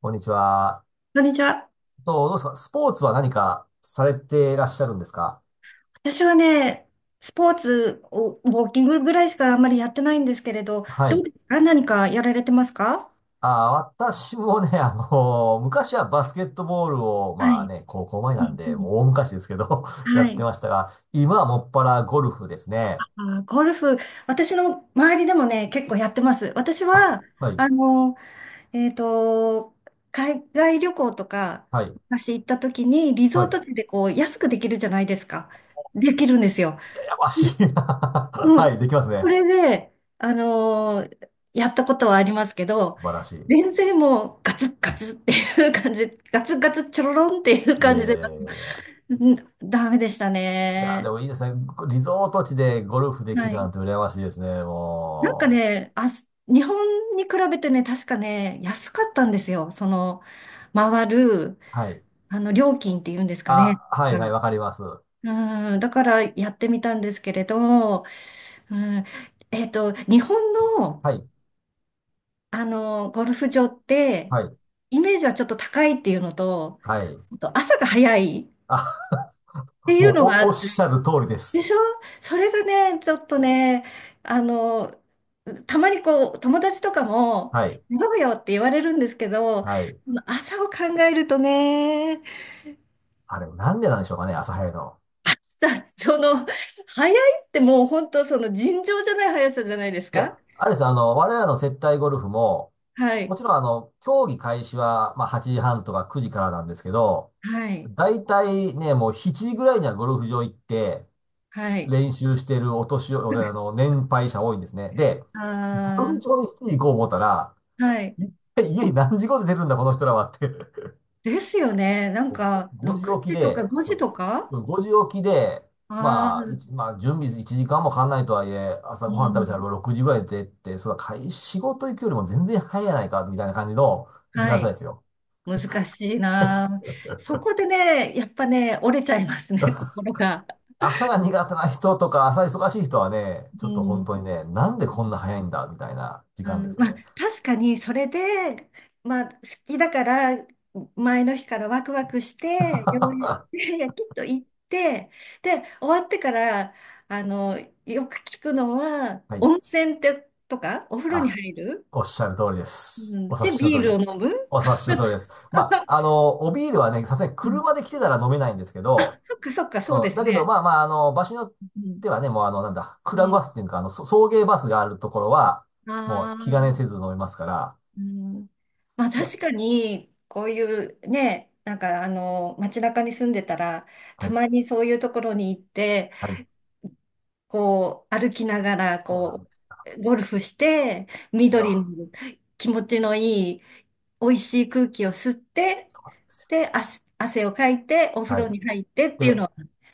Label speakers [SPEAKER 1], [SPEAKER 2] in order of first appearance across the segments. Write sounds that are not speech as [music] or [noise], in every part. [SPEAKER 1] こんにちは。
[SPEAKER 2] こんにちは。
[SPEAKER 1] どうですか、スポーツは何かされていらっしゃるんですか？
[SPEAKER 2] 私はね、スポーツを、ウォーキングぐらいしかあんまりやってないんですけれど、
[SPEAKER 1] は
[SPEAKER 2] どう
[SPEAKER 1] い。
[SPEAKER 2] ですか？何かやられてますか？
[SPEAKER 1] あー、私もね、昔はバスケットボールを、
[SPEAKER 2] は
[SPEAKER 1] まあ
[SPEAKER 2] い。
[SPEAKER 1] ね、高校前
[SPEAKER 2] う
[SPEAKER 1] なん
[SPEAKER 2] んう
[SPEAKER 1] で、も
[SPEAKER 2] ん。
[SPEAKER 1] う大昔ですけど [laughs] や
[SPEAKER 2] は
[SPEAKER 1] って
[SPEAKER 2] い。
[SPEAKER 1] ましたが、今はもっぱらゴルフですね。
[SPEAKER 2] ゴルフ、私の周りでもね、結構やってます。私
[SPEAKER 1] あ、
[SPEAKER 2] は、
[SPEAKER 1] はい、
[SPEAKER 2] あの、えっと、海外旅行とか、
[SPEAKER 1] はい、
[SPEAKER 2] 昔行った時に、リ
[SPEAKER 1] は
[SPEAKER 2] ゾー
[SPEAKER 1] い。
[SPEAKER 2] ト地でこう、安くできるじゃないですか。できるんですよ。
[SPEAKER 1] やましいな。 [laughs] は
[SPEAKER 2] もう、
[SPEAKER 1] い、できます
[SPEAKER 2] そ
[SPEAKER 1] ね。
[SPEAKER 2] れで、やったことはありますけど、
[SPEAKER 1] 素晴らしい。
[SPEAKER 2] 全然もうガツッガツッっていう感じ、ガツッガツッチョロロンっていう
[SPEAKER 1] いや
[SPEAKER 2] 感
[SPEAKER 1] い
[SPEAKER 2] じ
[SPEAKER 1] や
[SPEAKER 2] で、
[SPEAKER 1] いやいやいや。
[SPEAKER 2] うん、ダメでした
[SPEAKER 1] いや、で
[SPEAKER 2] ね。
[SPEAKER 1] もいいですね。リゾート地でゴルフでき
[SPEAKER 2] は
[SPEAKER 1] るな
[SPEAKER 2] い。
[SPEAKER 1] んて羨ましいですね、
[SPEAKER 2] なんか
[SPEAKER 1] もう。
[SPEAKER 2] ね、あ、日本に比べてね、確かね、安かったんですよ。その、回る、
[SPEAKER 1] はい。
[SPEAKER 2] 料金っていうんですかね。
[SPEAKER 1] あ、はい、
[SPEAKER 2] う
[SPEAKER 1] はい、
[SPEAKER 2] ん
[SPEAKER 1] わかります。
[SPEAKER 2] うん、だからやってみたんですけれど、うん、日本の、
[SPEAKER 1] はい。
[SPEAKER 2] ゴルフ場って、
[SPEAKER 1] はい。
[SPEAKER 2] イメージはちょっと高いっていうのと、
[SPEAKER 1] はい。
[SPEAKER 2] あと朝が早いっ
[SPEAKER 1] あ、
[SPEAKER 2] ていう
[SPEAKER 1] もう
[SPEAKER 2] のがあ
[SPEAKER 1] おっ
[SPEAKER 2] っ
[SPEAKER 1] し
[SPEAKER 2] て、
[SPEAKER 1] ゃる通りで
[SPEAKER 2] で
[SPEAKER 1] す。
[SPEAKER 2] しょ？それがね、ちょっとね、あの、たまにこう、友達とかも、
[SPEAKER 1] はい。
[SPEAKER 2] 飲むよって言われるんですけど、
[SPEAKER 1] はい。
[SPEAKER 2] 朝を考えるとね、
[SPEAKER 1] あれ、なんでなんでしょうかね、朝早いの？
[SPEAKER 2] [laughs] さ、その、早いってもう本当その尋常じゃない速さじゃないです
[SPEAKER 1] いや、
[SPEAKER 2] か？
[SPEAKER 1] あれです、あの、我らの接待ゴルフも、
[SPEAKER 2] は
[SPEAKER 1] も
[SPEAKER 2] い。
[SPEAKER 1] ちろん、競技開始は、まあ、8時半とか9時からなんですけど、
[SPEAKER 2] はい。
[SPEAKER 1] だいたいね、もう7時ぐらいにはゴルフ場行って、
[SPEAKER 2] はい。
[SPEAKER 1] 練習してるお年寄り、年配者多いんですね。で、
[SPEAKER 2] あ
[SPEAKER 1] ゴルフ
[SPEAKER 2] ー
[SPEAKER 1] 場に7時行こう思ったら、
[SPEAKER 2] はい。
[SPEAKER 1] 一体家に何時頃出てるんだ、この人らはって。
[SPEAKER 2] ですよね。なんか、
[SPEAKER 1] 5時
[SPEAKER 2] 6
[SPEAKER 1] 起き
[SPEAKER 2] 時とか
[SPEAKER 1] で、
[SPEAKER 2] 5時
[SPEAKER 1] そ
[SPEAKER 2] とか、
[SPEAKER 1] う、5時起きで、
[SPEAKER 2] ああ
[SPEAKER 1] まあ、
[SPEAKER 2] ー、
[SPEAKER 1] 準備1時間もかかんないとはいえ、朝
[SPEAKER 2] う
[SPEAKER 1] ごはん食べたら
[SPEAKER 2] ん。
[SPEAKER 1] 6時ぐらいでって、そうだ、仕事行くよりも全然早いやないか、みたいな感じの時間
[SPEAKER 2] は
[SPEAKER 1] 帯で
[SPEAKER 2] い。
[SPEAKER 1] すよ。
[SPEAKER 2] 難しいな。そこでね、やっぱね、折れちゃいますね、[laughs] 心が。
[SPEAKER 1] 朝が苦手な人とか、朝忙しい人はね、ち
[SPEAKER 2] う
[SPEAKER 1] ょっと本
[SPEAKER 2] ん。
[SPEAKER 1] 当にね、なんでこんな早いんだ、みたいな時
[SPEAKER 2] う
[SPEAKER 1] 間です
[SPEAKER 2] ん、
[SPEAKER 1] よ
[SPEAKER 2] ま
[SPEAKER 1] ね。
[SPEAKER 2] あ、確かに、それで、まあ、好きだから、前の日からワクワクして、
[SPEAKER 1] [laughs]
[SPEAKER 2] 用意して、[laughs] きっと行って、で、終わってから、あの、よく聞くのは、
[SPEAKER 1] はい。
[SPEAKER 2] 温泉って、とか、お風呂に
[SPEAKER 1] あ、
[SPEAKER 2] 入る、
[SPEAKER 1] おっしゃる通りで
[SPEAKER 2] う
[SPEAKER 1] す。
[SPEAKER 2] ん、
[SPEAKER 1] お察
[SPEAKER 2] で、
[SPEAKER 1] しの通
[SPEAKER 2] ビー
[SPEAKER 1] りで
[SPEAKER 2] ルを
[SPEAKER 1] す。
[SPEAKER 2] 飲む。
[SPEAKER 1] お察しの通りです。まあ、おビールはね、さすがに
[SPEAKER 2] うん、
[SPEAKER 1] 車で来てたら飲めないんですけど、
[SPEAKER 2] そっかそっか、そうで
[SPEAKER 1] うん、
[SPEAKER 2] す
[SPEAKER 1] だけど、
[SPEAKER 2] ね。
[SPEAKER 1] まあまあ、場所によっ
[SPEAKER 2] うん。
[SPEAKER 1] てはね、もうなんだ、ク
[SPEAKER 2] う
[SPEAKER 1] ラブ
[SPEAKER 2] ん。
[SPEAKER 1] バスっていうか、送迎バスがあるところは、もう
[SPEAKER 2] あ
[SPEAKER 1] 気兼ねせず
[SPEAKER 2] あ、
[SPEAKER 1] 飲みますから、
[SPEAKER 2] うん。まあ
[SPEAKER 1] いや、
[SPEAKER 2] 確かに、こういうね、なんか街中に住んでたら、
[SPEAKER 1] は
[SPEAKER 2] た
[SPEAKER 1] い、
[SPEAKER 2] まにそういうところに行って、
[SPEAKER 1] はい、
[SPEAKER 2] こう、歩きながら、
[SPEAKER 1] そうな
[SPEAKER 2] こ
[SPEAKER 1] んですよ。
[SPEAKER 2] う、ゴルフして、
[SPEAKER 1] です
[SPEAKER 2] 緑
[SPEAKER 1] よ
[SPEAKER 2] の気持ちのいい、美味しい空気を吸って、
[SPEAKER 1] そうなんですよ。
[SPEAKER 2] で、汗をかいて、お風
[SPEAKER 1] は
[SPEAKER 2] 呂
[SPEAKER 1] い。
[SPEAKER 2] に入ってっていうの
[SPEAKER 1] で、
[SPEAKER 2] は、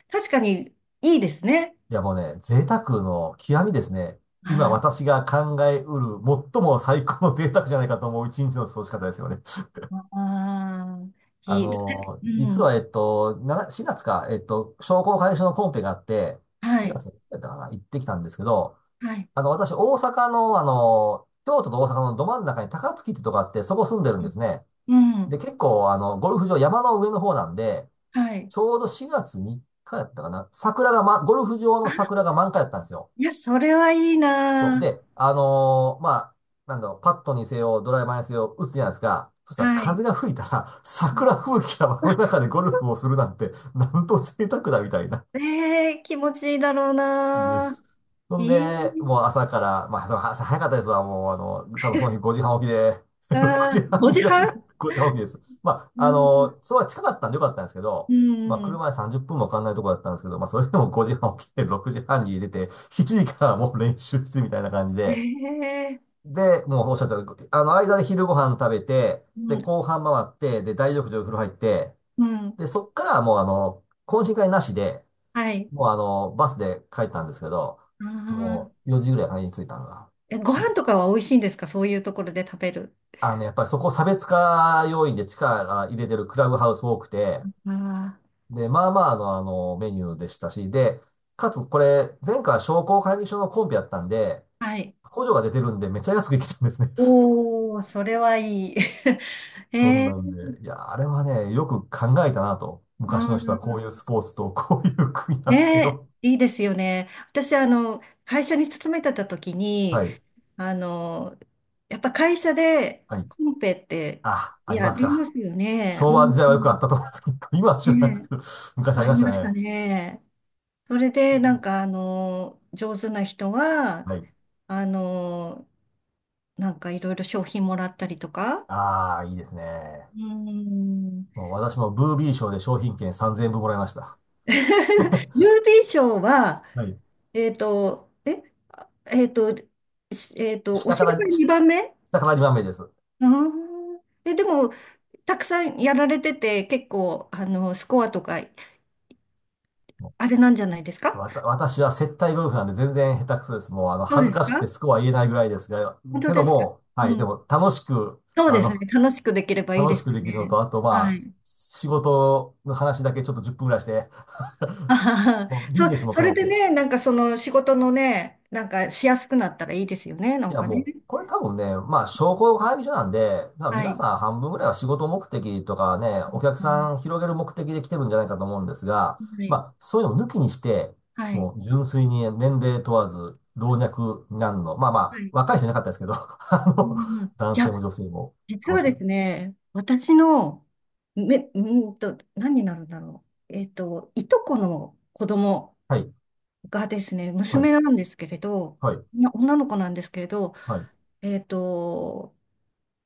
[SPEAKER 2] 確かにいいですね。
[SPEAKER 1] いやもうね、贅沢の極みですね。今
[SPEAKER 2] ああ
[SPEAKER 1] 私が考えうる最も最高の贅沢じゃないかと思う一日の過ごし方ですよね。[laughs]
[SPEAKER 2] ああ、いい。だってう
[SPEAKER 1] 実は、
[SPEAKER 2] ん。
[SPEAKER 1] 4月か、商工会議所のコンペがあって、
[SPEAKER 2] は
[SPEAKER 1] 4
[SPEAKER 2] い。
[SPEAKER 1] 月だったかな、行ってきたんですけど、
[SPEAKER 2] はい。
[SPEAKER 1] 私、大阪の、京都と大阪のど真ん中に高槻ってとこあって、そこ住んでるん
[SPEAKER 2] う
[SPEAKER 1] で
[SPEAKER 2] ん。
[SPEAKER 1] すね。
[SPEAKER 2] う
[SPEAKER 1] で、
[SPEAKER 2] ん
[SPEAKER 1] 結構、ゴルフ場、山の上の方なんで、
[SPEAKER 2] はい。
[SPEAKER 1] ちょうど4月3日やったかな。桜が、ま、ゴルフ場の
[SPEAKER 2] あ、
[SPEAKER 1] 桜が満開だったんですよ。
[SPEAKER 2] いや、それはいい
[SPEAKER 1] そう。
[SPEAKER 2] な。
[SPEAKER 1] で、まあ、なんだろう、パットにせよ、ドライバーにせよ、打つじゃないですか。そしたら
[SPEAKER 2] は
[SPEAKER 1] 風
[SPEAKER 2] い。
[SPEAKER 1] が吹いたら、
[SPEAKER 2] うん、
[SPEAKER 1] 桜吹雪が
[SPEAKER 2] あ
[SPEAKER 1] 真ん中でゴルフをするなんて、なんと贅沢だみたいな。
[SPEAKER 2] 気持ちいいだろう
[SPEAKER 1] で
[SPEAKER 2] な。
[SPEAKER 1] す。そ
[SPEAKER 2] え
[SPEAKER 1] んで、もう朝から、まあ、その朝早かったですわ。もう、多分その日5時半起きで、[laughs]
[SPEAKER 2] え、
[SPEAKER 1] 6時半
[SPEAKER 2] 5
[SPEAKER 1] には
[SPEAKER 2] 時半
[SPEAKER 1] [laughs] 5時半起きです。ま
[SPEAKER 2] う
[SPEAKER 1] あ、
[SPEAKER 2] ん。
[SPEAKER 1] そば近かったんでよかったんですけど、
[SPEAKER 2] う
[SPEAKER 1] まあ、
[SPEAKER 2] ん。
[SPEAKER 1] 車で30分もかかんないところだったんですけど、まあ、それでも5時半起きて、6時半に出て、7時からもう練習してみたいな感じで、
[SPEAKER 2] ええ
[SPEAKER 1] で、もうおっしゃったように、間で昼ご飯食べて、
[SPEAKER 2] う
[SPEAKER 1] で、
[SPEAKER 2] ん。
[SPEAKER 1] 後半回って、で、大浴場風呂入って、
[SPEAKER 2] うん。
[SPEAKER 1] で、そっからもう、懇親会なしで、
[SPEAKER 2] はい。
[SPEAKER 1] もうバスで帰ったんですけど、
[SPEAKER 2] あ
[SPEAKER 1] も
[SPEAKER 2] あ。
[SPEAKER 1] う4時ぐらいかな、家に着いたのが。
[SPEAKER 2] え、ご
[SPEAKER 1] う
[SPEAKER 2] 飯
[SPEAKER 1] ん
[SPEAKER 2] とかは美味しいんですか？そういうところで食べる。
[SPEAKER 1] あのね、やっぱりそこ差別化要因で力入れてるクラブハウス多くて、
[SPEAKER 2] あ
[SPEAKER 1] で、まあまあのメニューでしたし、で、かつこれ、前回は商工会議所のコンペやったんで、
[SPEAKER 2] あ。はい。
[SPEAKER 1] 補助が出てるんでめっちゃ安く行きたんですね。[laughs]
[SPEAKER 2] おー、それはいい。[laughs]
[SPEAKER 1] そん
[SPEAKER 2] え
[SPEAKER 1] なんで、いや、あれはね、よく考えたなと。
[SPEAKER 2] う
[SPEAKER 1] 昔の人はこ
[SPEAKER 2] ん、
[SPEAKER 1] ういうスポーツとこういう組み合
[SPEAKER 2] ね
[SPEAKER 1] わせ
[SPEAKER 2] え、
[SPEAKER 1] を。
[SPEAKER 2] いいですよね。私、会社に勤めてた時に、
[SPEAKER 1] はい。
[SPEAKER 2] あの、やっぱ会社で
[SPEAKER 1] はい。
[SPEAKER 2] コンペって
[SPEAKER 1] あ、あり
[SPEAKER 2] や
[SPEAKER 1] ます
[SPEAKER 2] り
[SPEAKER 1] か？
[SPEAKER 2] ますよね。
[SPEAKER 1] 昭
[SPEAKER 2] う
[SPEAKER 1] 和時代はよくあっ
[SPEAKER 2] ん。
[SPEAKER 1] たと思うんですけど、今は知らないですけ
[SPEAKER 2] ねえ、
[SPEAKER 1] ど、昔あ
[SPEAKER 2] あ
[SPEAKER 1] りま
[SPEAKER 2] り
[SPEAKER 1] した
[SPEAKER 2] ました
[SPEAKER 1] ね。
[SPEAKER 2] ね。それで、なんか、上手な人は、
[SPEAKER 1] はい。
[SPEAKER 2] あの、なんかいろいろ商品もらったりとか。
[SPEAKER 1] ああ、いいですね。
[SPEAKER 2] うん。
[SPEAKER 1] もう私もブービー賞で商品券3000円分もらいました。[laughs]
[SPEAKER 2] [laughs] 郵便賞は、
[SPEAKER 1] はい。
[SPEAKER 2] えっと、え、えっと、しえっと、お
[SPEAKER 1] 下か
[SPEAKER 2] 尻が
[SPEAKER 1] ら、し
[SPEAKER 2] 2番目。
[SPEAKER 1] 下から2番目です。
[SPEAKER 2] あーえ、でも、たくさんやられてて、結構、スコアとか、
[SPEAKER 1] も
[SPEAKER 2] あれなんじゃないです
[SPEAKER 1] う
[SPEAKER 2] か？
[SPEAKER 1] 私は接待ゴルフなんで全然下手くそです。もう
[SPEAKER 2] そう
[SPEAKER 1] 恥ず
[SPEAKER 2] です
[SPEAKER 1] かしく
[SPEAKER 2] か？
[SPEAKER 1] てスコア言えないぐらいですが、
[SPEAKER 2] 本当
[SPEAKER 1] けど
[SPEAKER 2] ですか？
[SPEAKER 1] も、は
[SPEAKER 2] う
[SPEAKER 1] い、で
[SPEAKER 2] ん。
[SPEAKER 1] も
[SPEAKER 2] そうですね。楽しくできればいい
[SPEAKER 1] 楽
[SPEAKER 2] で
[SPEAKER 1] し
[SPEAKER 2] す
[SPEAKER 1] く
[SPEAKER 2] よ
[SPEAKER 1] できるの
[SPEAKER 2] ね。
[SPEAKER 1] と、あと
[SPEAKER 2] は
[SPEAKER 1] まあ、
[SPEAKER 2] い。
[SPEAKER 1] 仕事の話だけちょっと10分ぐらいして、
[SPEAKER 2] あはは。
[SPEAKER 1] もうビ
[SPEAKER 2] そ、
[SPEAKER 1] ジネスも
[SPEAKER 2] そ
[SPEAKER 1] 兼
[SPEAKER 2] れ
[SPEAKER 1] ね
[SPEAKER 2] で
[SPEAKER 1] て、
[SPEAKER 2] ね、なんかその仕事のね、なんかしやすくなったらいいですよね。な
[SPEAKER 1] い
[SPEAKER 2] ん
[SPEAKER 1] や、
[SPEAKER 2] か
[SPEAKER 1] も
[SPEAKER 2] ね。
[SPEAKER 1] う、これ多分ね、まあ、商工会議所なんで、まあ
[SPEAKER 2] は
[SPEAKER 1] 皆
[SPEAKER 2] い。
[SPEAKER 1] さん半分ぐらいは仕事目的とかね、お客
[SPEAKER 2] あの
[SPEAKER 1] さん広げる目的で来てるんじゃないかと思うんですが、
[SPEAKER 2] は
[SPEAKER 1] ま
[SPEAKER 2] い。
[SPEAKER 1] あ、そういうのを抜きにして、
[SPEAKER 2] はい。
[SPEAKER 1] もう純粋に年齢問わず、老若男女、まあま
[SPEAKER 2] は
[SPEAKER 1] あ、
[SPEAKER 2] い。
[SPEAKER 1] 若い人いなかったですけど、[laughs] あの、
[SPEAKER 2] うん。い
[SPEAKER 1] 男
[SPEAKER 2] や、
[SPEAKER 1] 性も女性も
[SPEAKER 2] 実
[SPEAKER 1] 楽
[SPEAKER 2] は
[SPEAKER 1] し
[SPEAKER 2] で
[SPEAKER 1] める。
[SPEAKER 2] すね、私の、め、うーんと、何になるんだろう。いとこの子供
[SPEAKER 1] はい、
[SPEAKER 2] がですね、
[SPEAKER 1] はい、
[SPEAKER 2] 娘なんですけれど、
[SPEAKER 1] はい、
[SPEAKER 2] 女の子なんですけれど、
[SPEAKER 1] はい。
[SPEAKER 2] えっと、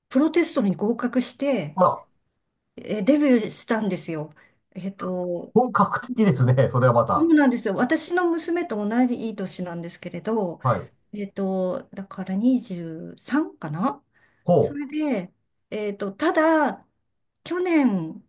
[SPEAKER 2] プロテストに合格して、
[SPEAKER 1] あら、
[SPEAKER 2] デビューしたんですよ。えっと、
[SPEAKER 1] 本格的ですね、それはま
[SPEAKER 2] そ
[SPEAKER 1] た。
[SPEAKER 2] うなんですよ。私の娘と同じいい年なんですけれど、
[SPEAKER 1] はい。
[SPEAKER 2] だから23かな。
[SPEAKER 1] ほ
[SPEAKER 2] それで、ただ、去年、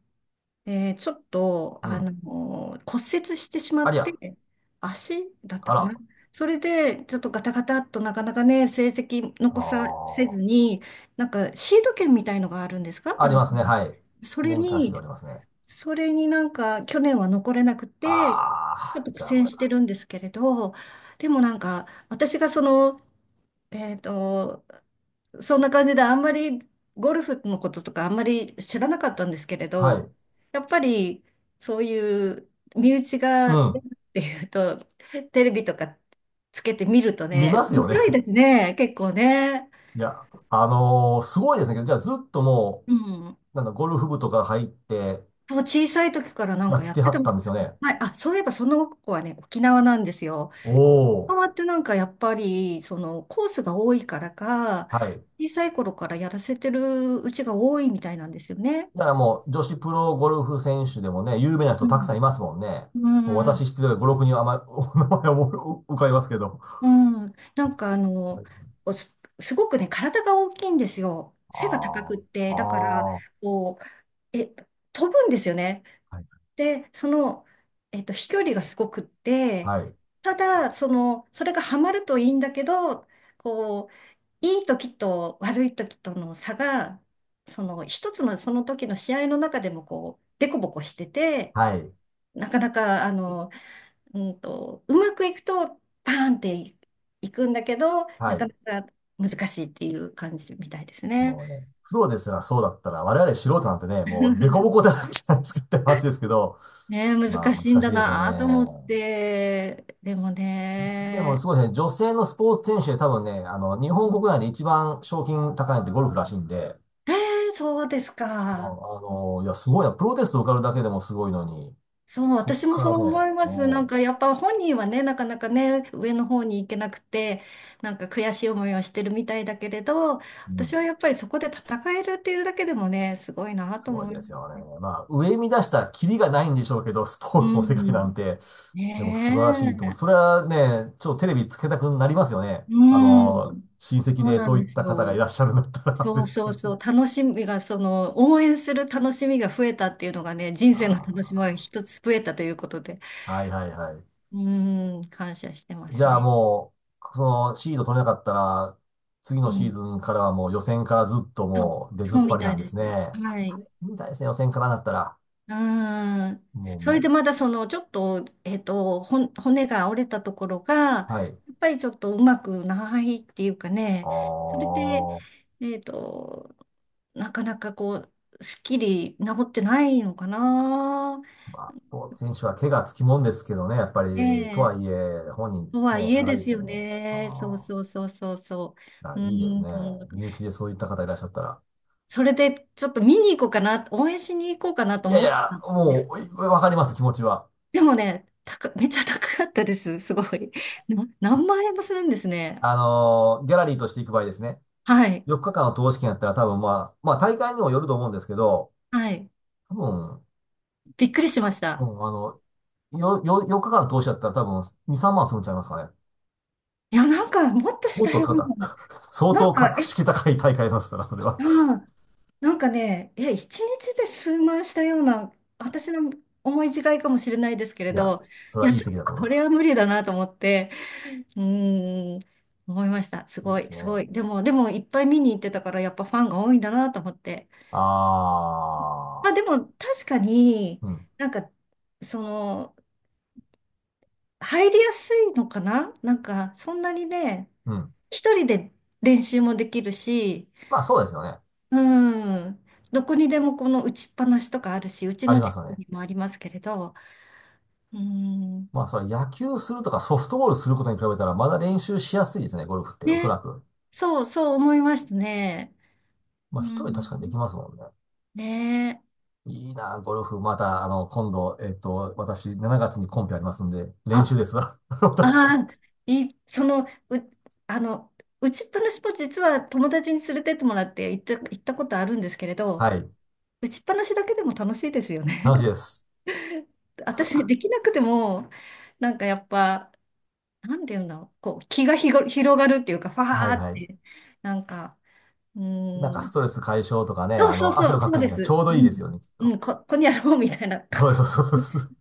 [SPEAKER 2] で、ちょっと、
[SPEAKER 1] う、うん。
[SPEAKER 2] 骨折してしま
[SPEAKER 1] あ
[SPEAKER 2] っ
[SPEAKER 1] りゃ、
[SPEAKER 2] て、足だった
[SPEAKER 1] あ
[SPEAKER 2] かな。
[SPEAKER 1] ら、
[SPEAKER 2] それで、ちょっとガタガタっとなかなかね、成績
[SPEAKER 1] あ
[SPEAKER 2] 残させ
[SPEAKER 1] あ、
[SPEAKER 2] ずに、なんかシード権みたいのがあるんですか？
[SPEAKER 1] ありますね、はい。
[SPEAKER 2] それ
[SPEAKER 1] 年間指導あ
[SPEAKER 2] に、
[SPEAKER 1] りますね。
[SPEAKER 2] なんか去年は残れなくて、
[SPEAKER 1] あ
[SPEAKER 2] ちょっ
[SPEAKER 1] あ、
[SPEAKER 2] と苦
[SPEAKER 1] じゃあ
[SPEAKER 2] 戦
[SPEAKER 1] ま
[SPEAKER 2] して
[SPEAKER 1] た。
[SPEAKER 2] るんですけれど、でもなんか、私がその、えっと、そんな感じであんまりゴルフのこととかあんまり知らなかったんですけれ
[SPEAKER 1] は
[SPEAKER 2] ど、
[SPEAKER 1] い。
[SPEAKER 2] やっぱりそういう身内
[SPEAKER 1] う
[SPEAKER 2] が出
[SPEAKER 1] ん。
[SPEAKER 2] るっていうと、テレビとかつけてみると
[SPEAKER 1] 見
[SPEAKER 2] ね、
[SPEAKER 1] ます
[SPEAKER 2] 面
[SPEAKER 1] よね。
[SPEAKER 2] 白いです
[SPEAKER 1] [laughs]
[SPEAKER 2] ね、結構ね。
[SPEAKER 1] いや、すごいですね。じゃあずっとも
[SPEAKER 2] うん。
[SPEAKER 1] う、なんかゴルフ部とか入って
[SPEAKER 2] そう、小さい時からなん
[SPEAKER 1] や
[SPEAKER 2] か
[SPEAKER 1] っ
[SPEAKER 2] やっ
[SPEAKER 1] て
[SPEAKER 2] て
[SPEAKER 1] は
[SPEAKER 2] た
[SPEAKER 1] っ
[SPEAKER 2] み
[SPEAKER 1] た
[SPEAKER 2] た
[SPEAKER 1] ん
[SPEAKER 2] い。
[SPEAKER 1] ですよね。
[SPEAKER 2] はい、あ、そういえばその子はね、沖縄なんですよ。
[SPEAKER 1] お
[SPEAKER 2] 沖
[SPEAKER 1] お。
[SPEAKER 2] 縄ってなんかやっぱり、そのコースが多いからか、
[SPEAKER 1] はい。
[SPEAKER 2] 小さい頃からやらせてるうちが多いみたいなんですよね。
[SPEAKER 1] だからもう女子プロゴルフ選手でもね、有名な人
[SPEAKER 2] う
[SPEAKER 1] たくさ
[SPEAKER 2] ん。
[SPEAKER 1] んいますもんね。もう
[SPEAKER 2] う
[SPEAKER 1] 私
[SPEAKER 2] ん
[SPEAKER 1] 知ってる5、6人あまり、お名前を浮かびますけど。
[SPEAKER 2] うん、なんか
[SPEAKER 1] はいはい、
[SPEAKER 2] おす、すごくね、体が大きいんですよ。背が高く
[SPEAKER 1] あ
[SPEAKER 2] っ
[SPEAKER 1] あ、
[SPEAKER 2] て、だから、
[SPEAKER 1] ああ、
[SPEAKER 2] こう、飛ぶんですよね。
[SPEAKER 1] はい、
[SPEAKER 2] で、その、飛距離がすごくって、
[SPEAKER 1] はい、
[SPEAKER 2] ただ、その、それがハマるといいんだけど、こう、いい時と悪い時との差が、その、一つのその時の試合の中でも、こう、デコボコしてて、
[SPEAKER 1] はい、
[SPEAKER 2] なかなか、うまくいくと、パーンっていいくんだけど、
[SPEAKER 1] は
[SPEAKER 2] なか
[SPEAKER 1] い。
[SPEAKER 2] なか難しいっていう感じみたいですね。
[SPEAKER 1] もうね、プロですらそうだったら、我々素人なんてね、もうデコボコ
[SPEAKER 2] [laughs]
[SPEAKER 1] だらけじゃなんですかって話ですけど、
[SPEAKER 2] ねえ、
[SPEAKER 1] まあ
[SPEAKER 2] 難しいん
[SPEAKER 1] 難しい
[SPEAKER 2] だ
[SPEAKER 1] ですよ
[SPEAKER 2] なと思っ
[SPEAKER 1] ね。
[SPEAKER 2] て、でも
[SPEAKER 1] でもす
[SPEAKER 2] ね、
[SPEAKER 1] ごいですね、女性のスポーツ選手で多分ね、日本国内で一番賞金高いのってゴルフらしいんで、
[SPEAKER 2] そうです
[SPEAKER 1] ま
[SPEAKER 2] か。
[SPEAKER 1] あ、いや、すごいな。プロテスト受かるだけでもすごいのに、
[SPEAKER 2] そう、
[SPEAKER 1] そっ
[SPEAKER 2] 私も
[SPEAKER 1] か
[SPEAKER 2] そ
[SPEAKER 1] ら
[SPEAKER 2] う
[SPEAKER 1] ね、
[SPEAKER 2] 思います。なん
[SPEAKER 1] も
[SPEAKER 2] かやっぱ本人はね、なかなかね、上の方に行けなくて、なんか悔しい思いをしてるみたいだけれど、
[SPEAKER 1] う、うん
[SPEAKER 2] 私はやっぱりそこで戦えるっていうだけでもね、すごいな
[SPEAKER 1] す
[SPEAKER 2] と
[SPEAKER 1] ごい
[SPEAKER 2] 思い
[SPEAKER 1] で
[SPEAKER 2] ま
[SPEAKER 1] すよ
[SPEAKER 2] す。
[SPEAKER 1] ね。まあ、上見出したらキリがないんでしょうけど、スポー
[SPEAKER 2] う
[SPEAKER 1] ツの世界なん
[SPEAKER 2] ん。
[SPEAKER 1] て、でも素晴らしいと思う。
[SPEAKER 2] ね
[SPEAKER 1] そ
[SPEAKER 2] え。
[SPEAKER 1] れはね、ちょっとテレビつけたくなりますよね。
[SPEAKER 2] うん。
[SPEAKER 1] 親戚
[SPEAKER 2] そう
[SPEAKER 1] で
[SPEAKER 2] な
[SPEAKER 1] そ
[SPEAKER 2] ん
[SPEAKER 1] うい
[SPEAKER 2] で
[SPEAKER 1] っ
[SPEAKER 2] す
[SPEAKER 1] た方が
[SPEAKER 2] よ。
[SPEAKER 1] いらっしゃるんだったら、[laughs]
[SPEAKER 2] そう
[SPEAKER 1] 絶
[SPEAKER 2] そう
[SPEAKER 1] 対
[SPEAKER 2] そ
[SPEAKER 1] に。
[SPEAKER 2] う。楽しみが、その、応援する楽しみが増えたっていうのがね、人生の楽しみが
[SPEAKER 1] あ
[SPEAKER 2] 一つ増えたということで、
[SPEAKER 1] あ、はいはいはい。
[SPEAKER 2] うん、感謝してま
[SPEAKER 1] じ
[SPEAKER 2] す
[SPEAKER 1] ゃあ
[SPEAKER 2] ね。
[SPEAKER 1] もう、そのシード取れなかったら、次の
[SPEAKER 2] う
[SPEAKER 1] シーズ
[SPEAKER 2] ん。
[SPEAKER 1] ンからはもう予選からずっと
[SPEAKER 2] そう、
[SPEAKER 1] もう出ずっ
[SPEAKER 2] そう
[SPEAKER 1] ぱ
[SPEAKER 2] み
[SPEAKER 1] りな
[SPEAKER 2] たい
[SPEAKER 1] んで
[SPEAKER 2] で
[SPEAKER 1] す
[SPEAKER 2] す。
[SPEAKER 1] ね。あ
[SPEAKER 2] は
[SPEAKER 1] れ大
[SPEAKER 2] い。
[SPEAKER 1] 変みたいですね、予選からだったら。
[SPEAKER 2] うん。
[SPEAKER 1] も
[SPEAKER 2] それ
[SPEAKER 1] う、
[SPEAKER 2] でまだその、ちょっと、骨が折れたところが、や
[SPEAKER 1] はい。
[SPEAKER 2] っぱりちょっとうまくないっていうか
[SPEAKER 1] あ
[SPEAKER 2] ね、それで、
[SPEAKER 1] あ。
[SPEAKER 2] えっと、なかなかこう、すっきり治ってないのかな。
[SPEAKER 1] まあ、スポーツ選手は怪我つきもんですけどね、やっぱり、とは
[SPEAKER 2] ねえ。
[SPEAKER 1] いえ、本人
[SPEAKER 2] とは
[SPEAKER 1] ね、
[SPEAKER 2] い
[SPEAKER 1] 歯
[SPEAKER 2] え
[SPEAKER 1] が
[SPEAKER 2] で
[SPEAKER 1] ゆいで
[SPEAKER 2] す
[SPEAKER 1] すよ
[SPEAKER 2] よ
[SPEAKER 1] ね。
[SPEAKER 2] ね。そう
[SPEAKER 1] あ
[SPEAKER 2] そうそうそうそ
[SPEAKER 1] あ、
[SPEAKER 2] う。
[SPEAKER 1] い
[SPEAKER 2] う
[SPEAKER 1] やいいで
[SPEAKER 2] ー
[SPEAKER 1] す
[SPEAKER 2] ん、
[SPEAKER 1] ね。
[SPEAKER 2] そんな感
[SPEAKER 1] 身
[SPEAKER 2] じ。
[SPEAKER 1] 内でそういった方いらっしゃったら。
[SPEAKER 2] それでちょっと見に行こうかな、応援しに行こうかなと
[SPEAKER 1] いやい
[SPEAKER 2] 思った
[SPEAKER 1] や、
[SPEAKER 2] んです
[SPEAKER 1] もう、
[SPEAKER 2] けど。
[SPEAKER 1] わかります、気持ちは。
[SPEAKER 2] でもね、めっちゃ高かったです。すごい。何万円もするんですね。
[SPEAKER 1] ギャラリーとして行く場合ですね。
[SPEAKER 2] はい。
[SPEAKER 1] 4日間の投資券やったら多分まあ、まあ大会にもよると思うんですけど、
[SPEAKER 2] はい。
[SPEAKER 1] 多分、
[SPEAKER 2] びっくりしまし
[SPEAKER 1] う
[SPEAKER 2] た。
[SPEAKER 1] ん、4日間の投資だったら多分2、3万するんちゃいますかね？
[SPEAKER 2] いや、なんか、もっとし
[SPEAKER 1] もっ
[SPEAKER 2] た
[SPEAKER 1] と
[SPEAKER 2] よ
[SPEAKER 1] 使
[SPEAKER 2] う
[SPEAKER 1] った。
[SPEAKER 2] な。
[SPEAKER 1] [laughs] 相
[SPEAKER 2] な
[SPEAKER 1] 当
[SPEAKER 2] んか、
[SPEAKER 1] 格式高い大会だとしたら、それは。
[SPEAKER 2] うん、なんかね、いや、一日で数万したような、私の思い違いかもしれないですけれ
[SPEAKER 1] いや、
[SPEAKER 2] ど、
[SPEAKER 1] それ
[SPEAKER 2] い
[SPEAKER 1] は
[SPEAKER 2] や、
[SPEAKER 1] いい
[SPEAKER 2] ちょっ
[SPEAKER 1] 席
[SPEAKER 2] と
[SPEAKER 1] だと思い
[SPEAKER 2] こ
[SPEAKER 1] ま
[SPEAKER 2] れ
[SPEAKER 1] す。
[SPEAKER 2] は無理だなと思って、うーん、思いました。す
[SPEAKER 1] いい
[SPEAKER 2] ご
[SPEAKER 1] で
[SPEAKER 2] い、
[SPEAKER 1] すね。
[SPEAKER 2] すごい。でも、いっぱい見に行ってたから、やっぱファンが多いんだなと思って。
[SPEAKER 1] あ
[SPEAKER 2] まあ、で
[SPEAKER 1] あ、
[SPEAKER 2] も、確かに、
[SPEAKER 1] うん、
[SPEAKER 2] なんか、その、入りやすいのかな？なんか、そんなにね、
[SPEAKER 1] うん。
[SPEAKER 2] 一人で練習もできるし、
[SPEAKER 1] まあそうですよね。
[SPEAKER 2] うん。どこにでもこの打ちっぱなしとかあるし、うち
[SPEAKER 1] あり
[SPEAKER 2] の
[SPEAKER 1] ま
[SPEAKER 2] 近
[SPEAKER 1] すよ
[SPEAKER 2] く
[SPEAKER 1] ね。
[SPEAKER 2] にもありますけれど、うん。
[SPEAKER 1] まあそれ野球するとかソフトボールすることに比べたらまだ練習しやすいですね、ゴルフって、おそ
[SPEAKER 2] ね。
[SPEAKER 1] らく。
[SPEAKER 2] そう、そう思いましたね。
[SPEAKER 1] ま
[SPEAKER 2] う
[SPEAKER 1] あ一人確かにで
[SPEAKER 2] ん。
[SPEAKER 1] きますもんね。
[SPEAKER 2] ねえ。
[SPEAKER 1] いいな、ゴルフ。また、今度、私、7月にコンペありますんで、練習
[SPEAKER 2] あ、
[SPEAKER 1] ですわ。[laughs]
[SPEAKER 2] あー、い、その、う、あの、打ちっぱなしも実は友達に連れてってもらって行ったことあるんですけれど、
[SPEAKER 1] はい。
[SPEAKER 2] 打ちっぱなしだけでも楽しいですよ
[SPEAKER 1] 楽しいで
[SPEAKER 2] ね。
[SPEAKER 1] す。
[SPEAKER 2] [laughs] 私、できなくても、なんかやっぱ、なんていうんだろう、こう、気がひご広がるっていうか、ファ
[SPEAKER 1] はい
[SPEAKER 2] ーっ
[SPEAKER 1] はい。
[SPEAKER 2] て、なんか、う
[SPEAKER 1] なんか
[SPEAKER 2] ー
[SPEAKER 1] ス
[SPEAKER 2] ん。
[SPEAKER 1] トレス解消とかね、
[SPEAKER 2] そうそう
[SPEAKER 1] 汗
[SPEAKER 2] そ
[SPEAKER 1] を
[SPEAKER 2] う、
[SPEAKER 1] か
[SPEAKER 2] そう
[SPEAKER 1] く
[SPEAKER 2] で
[SPEAKER 1] にはち
[SPEAKER 2] す。
[SPEAKER 1] ょうど
[SPEAKER 2] う
[SPEAKER 1] いい
[SPEAKER 2] ん。
[SPEAKER 1] ですよね、きっ
[SPEAKER 2] う
[SPEAKER 1] と。
[SPEAKER 2] ん、ここにあろうみたいな。
[SPEAKER 1] そうです、そうです。